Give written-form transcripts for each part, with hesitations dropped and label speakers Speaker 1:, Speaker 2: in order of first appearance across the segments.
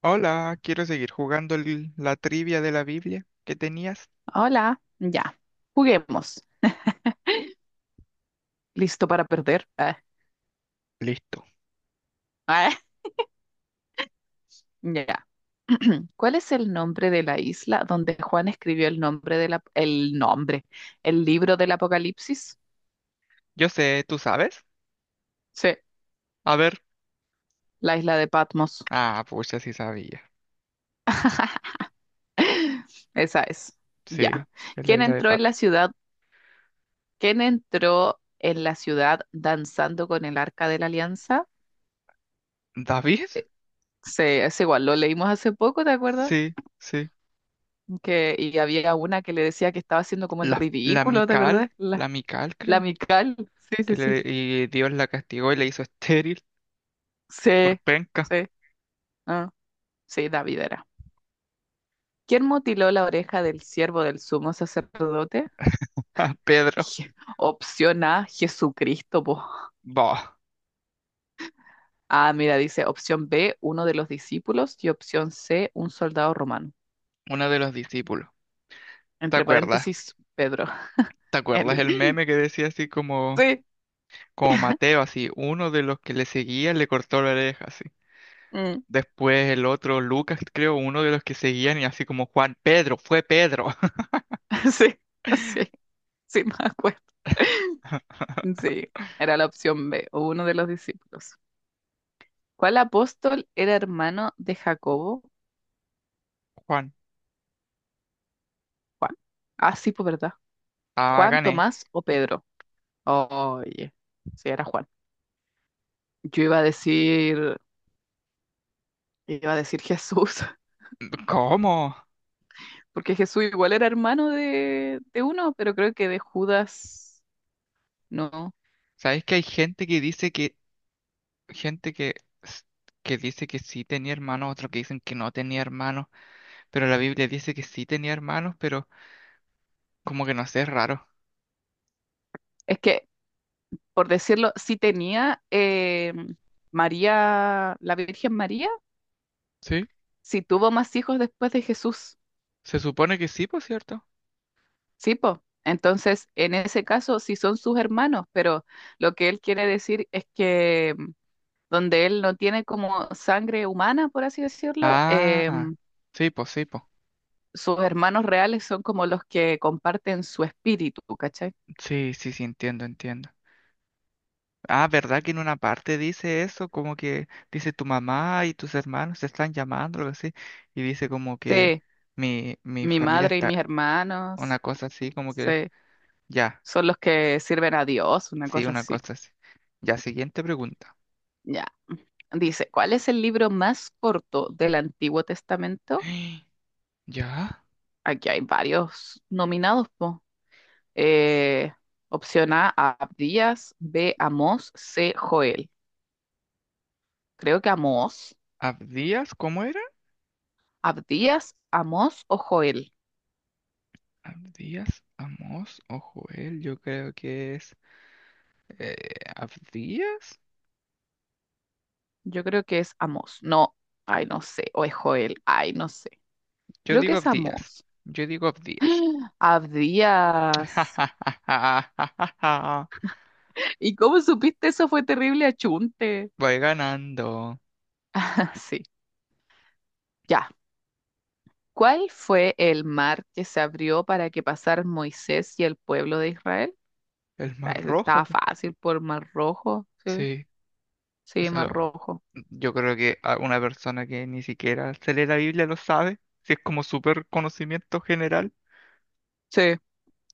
Speaker 1: Hola, quiero seguir jugando la trivia de la Biblia que tenías.
Speaker 2: Hola, ya, juguemos. ¿Listo para perder? Ah,
Speaker 1: Listo.
Speaker 2: ah, ya. ¿Cuál es el nombre de la isla donde Juan escribió el nombre de la- el nombre, el libro del Apocalipsis?
Speaker 1: Yo sé, ¿tú sabes?
Speaker 2: Sí,
Speaker 1: A ver.
Speaker 2: la isla de Patmos.
Speaker 1: Ah, pucha, sí sabía.
Speaker 2: Esa es. Ya.
Speaker 1: Sí, es la
Speaker 2: ¿Quién
Speaker 1: Isla de
Speaker 2: entró en
Speaker 1: Pato.
Speaker 2: la ciudad? ¿Quién entró en la ciudad danzando con el Arca de la Alianza?
Speaker 1: ¿David?
Speaker 2: Eh, Sí, es igual, lo leímos hace poco, ¿te acuerdas?
Speaker 1: Sí, sí.
Speaker 2: Que, y había una que le decía que estaba haciendo como el
Speaker 1: La, la
Speaker 2: ridículo, ¿te
Speaker 1: Mical,
Speaker 2: acuerdas?
Speaker 1: la
Speaker 2: La
Speaker 1: Mical creo,
Speaker 2: Mical, sí, sí,
Speaker 1: que
Speaker 2: sí,
Speaker 1: le,
Speaker 2: sí,
Speaker 1: y Dios la castigó y le hizo estéril por
Speaker 2: sí,
Speaker 1: penca
Speaker 2: sí, ah, sí, David era. ¿Quién mutiló la oreja del siervo del sumo sacerdote?
Speaker 1: a Pedro.
Speaker 2: Opción A, Jesucristo, po.
Speaker 1: Bah,
Speaker 2: Ah, mira, dice opción B, uno de los discípulos, y opción C, un soldado romano.
Speaker 1: uno de los discípulos. ¿Te
Speaker 2: Entre
Speaker 1: acuerdas?
Speaker 2: paréntesis, Pedro.
Speaker 1: ¿Te acuerdas
Speaker 2: Él.
Speaker 1: el meme que decía así como,
Speaker 2: Sí,
Speaker 1: como Mateo, así, uno de los que le seguía le cortó la oreja?
Speaker 2: mm,
Speaker 1: Después el otro, Lucas, creo, uno de los que seguían, y así como Juan, Pedro, fue Pedro.
Speaker 2: sí, sí, sí, me acuerdo. Sí, era la opción B, uno de los discípulos. ¿Cuál apóstol era hermano de Jacobo?
Speaker 1: Juan,
Speaker 2: Juan. Ah, sí, pues verdad.
Speaker 1: ah,
Speaker 2: Juan,
Speaker 1: gané.
Speaker 2: Tomás o Pedro. Oye, sí, era Juan. Yo iba a decir Jesús,
Speaker 1: ¿Cómo?
Speaker 2: porque Jesús igual era hermano de uno, pero creo que de Judas, no.
Speaker 1: ¿Sabes que hay gente que dice gente que, s- que dice que sí tenía hermanos, otros que dicen que no tenía hermanos, pero la Biblia dice que sí tenía hermanos, pero como que no sé, es raro.
Speaker 2: Es que, por decirlo, sí tenía María, la Virgen María,
Speaker 1: ¿Sí?
Speaker 2: sí tuvo más hijos después de Jesús.
Speaker 1: Se supone que sí, por cierto.
Speaker 2: Sí, po. Entonces, en ese caso, sí son sus hermanos, pero lo que él quiere decir es que donde él no tiene como sangre humana, por así decirlo,
Speaker 1: Ah,
Speaker 2: em,
Speaker 1: sí, pues sí, pues.
Speaker 2: sus hermanos reales son como los que comparten su espíritu, ¿cachai?
Speaker 1: Sí, sí, sí, entiendo, entiendo. Ah, ¿verdad que en una parte dice eso? Como que dice tu mamá y tus hermanos te están llamando, algo así. Y dice como que
Speaker 2: Sí,
Speaker 1: mi
Speaker 2: mi
Speaker 1: familia
Speaker 2: madre y
Speaker 1: está,
Speaker 2: mis
Speaker 1: una
Speaker 2: hermanos,
Speaker 1: cosa así, como que
Speaker 2: sí,
Speaker 1: ya,
Speaker 2: son los que sirven a Dios, una
Speaker 1: sí,
Speaker 2: cosa
Speaker 1: una
Speaker 2: así.
Speaker 1: cosa así. Ya, siguiente pregunta.
Speaker 2: Ya. Dice, ¿cuál es el libro más corto del Antiguo Testamento?
Speaker 1: ¿Ya?
Speaker 2: Aquí hay varios nominados, po. Eh, opción A, Abdías, B, Amós, C, Joel. Creo que Amós.
Speaker 1: ¿Abdías? ¿Cómo era?
Speaker 2: ¿Abdías, Amós o Joel?
Speaker 1: ¿Abdías? ¿Amos o Joel? Yo creo que es... eh, ¿Abdías?
Speaker 2: Yo creo que es Amós. No, ay, no sé. O es Joel, ay, no sé.
Speaker 1: Yo
Speaker 2: Creo que
Speaker 1: digo
Speaker 2: es
Speaker 1: Abdías.
Speaker 2: Amós.
Speaker 1: Yo digo Abdías.
Speaker 2: Abdías. ¿Y cómo supiste eso? Fue terrible achunte.
Speaker 1: Voy ganando.
Speaker 2: Sí, ya. ¿Cuál fue el mar que se abrió para que pasaran Moisés y el pueblo de Israel?
Speaker 1: El
Speaker 2: Ah,
Speaker 1: más
Speaker 2: eso
Speaker 1: rojo,
Speaker 2: estaba
Speaker 1: po.
Speaker 2: fácil por Mar Rojo. Sí,
Speaker 1: Sí,
Speaker 2: sí, Mar
Speaker 1: eso
Speaker 2: Rojo.
Speaker 1: yo creo que a una persona que ni siquiera se lee la Biblia lo sabe, si es como súper conocimiento general.
Speaker 2: Sí,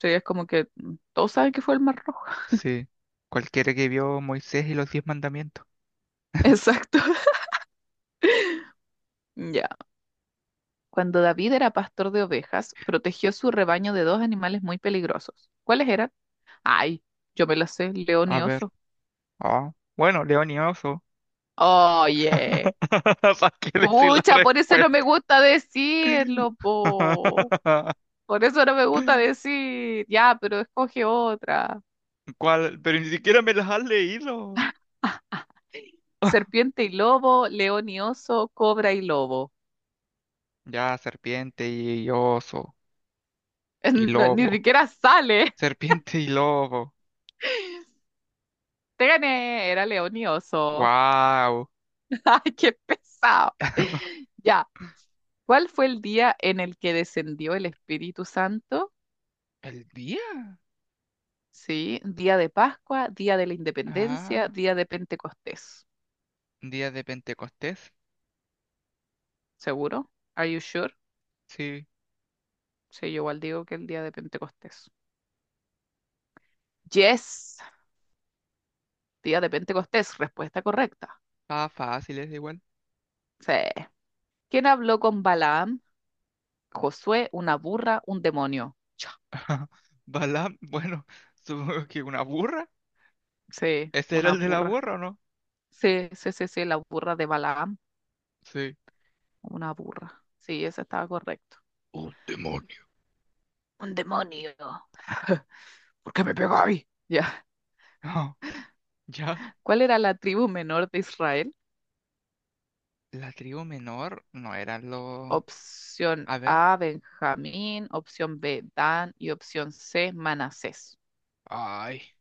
Speaker 2: sí, es como que todos saben que fue el Mar Rojo.
Speaker 1: Sí, cualquiera que vio Moisés y los diez mandamientos.
Speaker 2: Exacto. Ya. Cuando David era pastor de ovejas, protegió su rebaño de dos animales muy peligrosos. ¿Cuáles eran? Ay, yo me las sé, león
Speaker 1: A
Speaker 2: y
Speaker 1: ver,
Speaker 2: oso.
Speaker 1: ah, bueno, león y oso.
Speaker 2: Oye,
Speaker 1: ¿Para qué decir la
Speaker 2: pucha, por eso no me
Speaker 1: respuesta?
Speaker 2: gusta decirlo, po. Por eso no me gusta decir. Ya, pero escoge otra.
Speaker 1: ¿Cuál? Pero ni siquiera me las has leído.
Speaker 2: Ah, serpiente y lobo, león y oso, cobra y lobo.
Speaker 1: Ya, serpiente y oso y
Speaker 2: No, ni
Speaker 1: lobo.
Speaker 2: siquiera sale.
Speaker 1: Serpiente y lobo.
Speaker 2: Te gané, era león y oso.
Speaker 1: Wow.
Speaker 2: Ay, qué pesado. Ya. ¿Cuál fue el día en el que descendió el Espíritu Santo?
Speaker 1: ¿El día?
Speaker 2: Sí, día de Pascua, día de la Independencia,
Speaker 1: Ah,
Speaker 2: día de Pentecostés.
Speaker 1: día de Pentecostés.
Speaker 2: ¿Seguro? Are you sure?
Speaker 1: Sí,
Speaker 2: Sí, yo igual digo que el día de Pentecostés. Yes, día de Pentecostés, respuesta correcta.
Speaker 1: ah, fácil, es igual.
Speaker 2: Sí. ¿Quién habló con Balaam? Josué, una burra, un demonio. Cha.
Speaker 1: Balaam, bueno, supongo que una burra.
Speaker 2: Sí,
Speaker 1: ¿Ese era
Speaker 2: una
Speaker 1: el de la
Speaker 2: burra.
Speaker 1: burra o no?
Speaker 2: Sí, sí, sí, sí, la burra de Balaam,
Speaker 1: Sí.
Speaker 2: una burra. Sí, esa estaba correcto.
Speaker 1: Un demonio.
Speaker 2: Un demonio. ¿Por qué me pegáis? Ya.
Speaker 1: Ah, ya.
Speaker 2: ¿Cuál era la tribu menor de Israel?
Speaker 1: La tribu menor no eran los...
Speaker 2: Opción
Speaker 1: A ver.
Speaker 2: A, Benjamín, opción B, Dan y opción C, Manasés.
Speaker 1: Ay,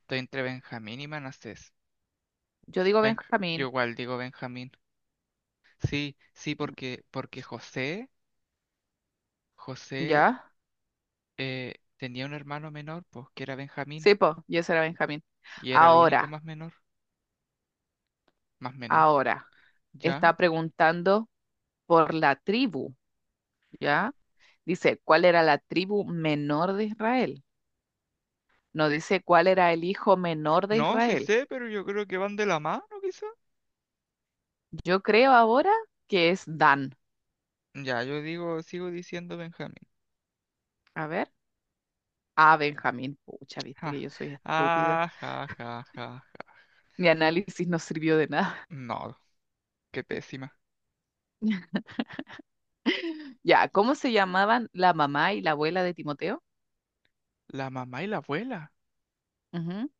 Speaker 1: estoy entre Benjamín y Manasés.
Speaker 2: Yo digo
Speaker 1: Benj-
Speaker 2: Benjamín,
Speaker 1: Yo igual digo Benjamín. Sí, sí, porque José, José
Speaker 2: ¿ya?
Speaker 1: eh, tenía un hermano menor, pues que era Benjamín,
Speaker 2: Sí, po, yo era Benjamín.
Speaker 1: y era el único
Speaker 2: Ahora,
Speaker 1: más menor. Más menor.
Speaker 2: ahora,
Speaker 1: Ya.
Speaker 2: está preguntando por la tribu, ¿ya? Dice, ¿cuál era la tribu menor de Israel? No dice cuál era el hijo menor de
Speaker 1: No, sí
Speaker 2: Israel.
Speaker 1: sé, pero yo creo que van de la mano, quizá.
Speaker 2: Yo creo ahora que es Dan.
Speaker 1: Ya, yo digo, sigo diciendo Benjamín.
Speaker 2: A ver, A, Benjamín. Pucha, viste
Speaker 1: Ja.
Speaker 2: que yo soy estúpida.
Speaker 1: Ah, ja, ja, ja, ja.
Speaker 2: Mi análisis no sirvió de nada.
Speaker 1: No, qué pésima.
Speaker 2: Ya, ¿cómo se llamaban la mamá y la abuela de Timoteo?
Speaker 1: La mamá y la abuela.
Speaker 2: Ujú,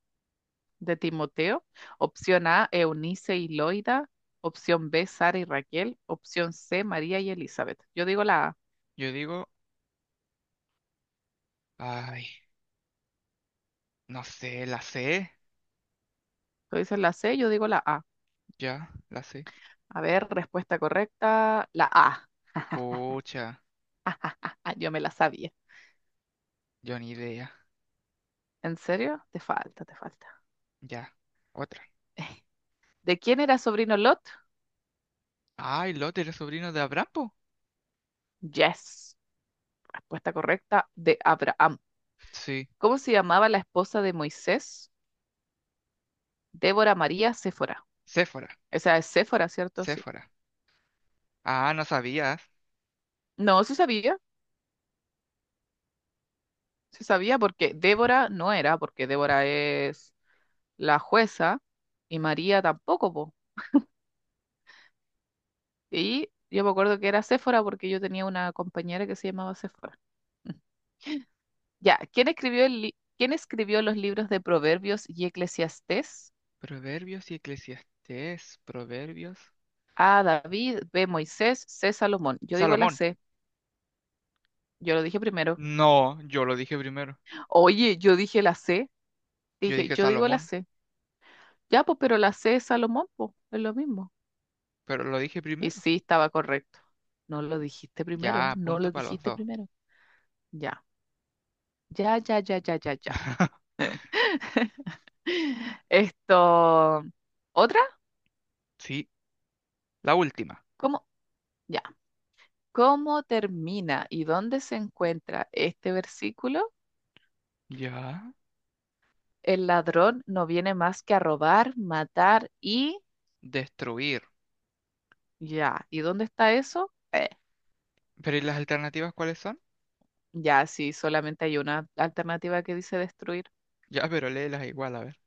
Speaker 2: de Timoteo. Opción A, Eunice y Loida. Opción B, Sara y Raquel. Opción C, María y Elizabeth. Yo digo la A.
Speaker 1: Yo digo, ay, no sé, la sé.
Speaker 2: Tú dices la C, yo digo la A.
Speaker 1: Ya, la sé.
Speaker 2: A ver, respuesta correcta, la A.
Speaker 1: Pucha,
Speaker 2: Ah, yo me la sabía.
Speaker 1: yo ni idea.
Speaker 2: ¿En serio? Te falta, te falta.
Speaker 1: Ya, otra.
Speaker 2: ¿De quién era sobrino Lot?
Speaker 1: Ay, Lot era sobrino de Abraham, po.
Speaker 2: Yes. Respuesta correcta, de Abraham.
Speaker 1: Sí,
Speaker 2: ¿Cómo se llamaba la esposa de Moisés? Débora, María, Séfora.
Speaker 1: Séfora,
Speaker 2: Esa es Séfora, ¿cierto? Sí.
Speaker 1: Séfora. Ah, no sabías.
Speaker 2: No, sí sabía porque Débora no era, porque Débora es la jueza y María tampoco, po. Y yo me acuerdo que era Séfora porque yo tenía una compañera que se llamaba Séfora. Mm. Ya, ¿quién escribió el ¿Quién escribió los libros de Proverbios y Eclesiastés?
Speaker 1: Proverbios y Eclesiastés, Proverbios.
Speaker 2: A, David, B, Moisés, C, Salomón. Yo digo la
Speaker 1: Salomón.
Speaker 2: C, yo lo dije primero.
Speaker 1: No, yo lo dije primero.
Speaker 2: Oye, yo dije la C,
Speaker 1: Yo
Speaker 2: dije,
Speaker 1: dije
Speaker 2: yo digo la
Speaker 1: Salomón,
Speaker 2: C. Ya, pues, pero la C es Salomón, pues, es lo mismo.
Speaker 1: pero lo dije
Speaker 2: Y
Speaker 1: primero.
Speaker 2: sí, estaba correcto. No lo dijiste primero,
Speaker 1: Ya,
Speaker 2: no
Speaker 1: punto
Speaker 2: lo
Speaker 1: para los
Speaker 2: dijiste
Speaker 1: dos.
Speaker 2: primero. Ya, ya, ya, ya, ya, ya, ya. Esto, ¿otra?
Speaker 1: Sí, la última.
Speaker 2: ¿Cómo? Ya. ¿Cómo termina y dónde se encuentra este versículo?
Speaker 1: Ya,
Speaker 2: El ladrón no viene más que a robar, matar y
Speaker 1: destruir.
Speaker 2: ya. ¿Y dónde está eso?
Speaker 1: Pero ¿y las alternativas cuáles son?
Speaker 2: Ya, sí, solamente hay una alternativa que dice destruir.
Speaker 1: Ya, pero léelas igual, a ver.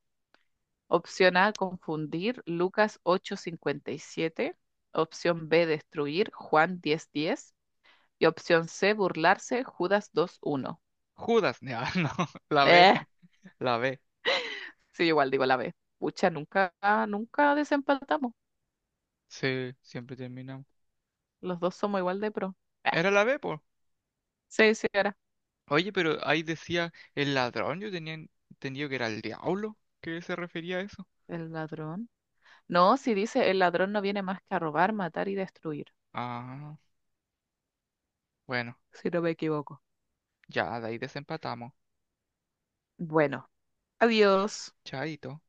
Speaker 2: Opción A, confundir Lucas 8:57. Opción B, destruir Juan 10:10. Y opción C, burlarse Judas 2:1.
Speaker 1: Judas, ya, no, la B,
Speaker 2: Eh,
Speaker 1: la B.
Speaker 2: sí, igual digo la B. Pucha, nunca desempatamos.
Speaker 1: Sí, siempre terminamos.
Speaker 2: Los dos somos igual de pro. Eh,
Speaker 1: Era la B, pues.
Speaker 2: sí, sí, era.
Speaker 1: Oye, pero ahí decía el ladrón, yo tenía entendido que era el diablo. ¿Qué se refería a eso?
Speaker 2: El ladrón. No, si dice el ladrón no viene más que a robar, matar y destruir,
Speaker 1: Ah, bueno,
Speaker 2: si no me equivoco.
Speaker 1: ya, de ahí desempatamos.
Speaker 2: Bueno, adiós.
Speaker 1: Chaito.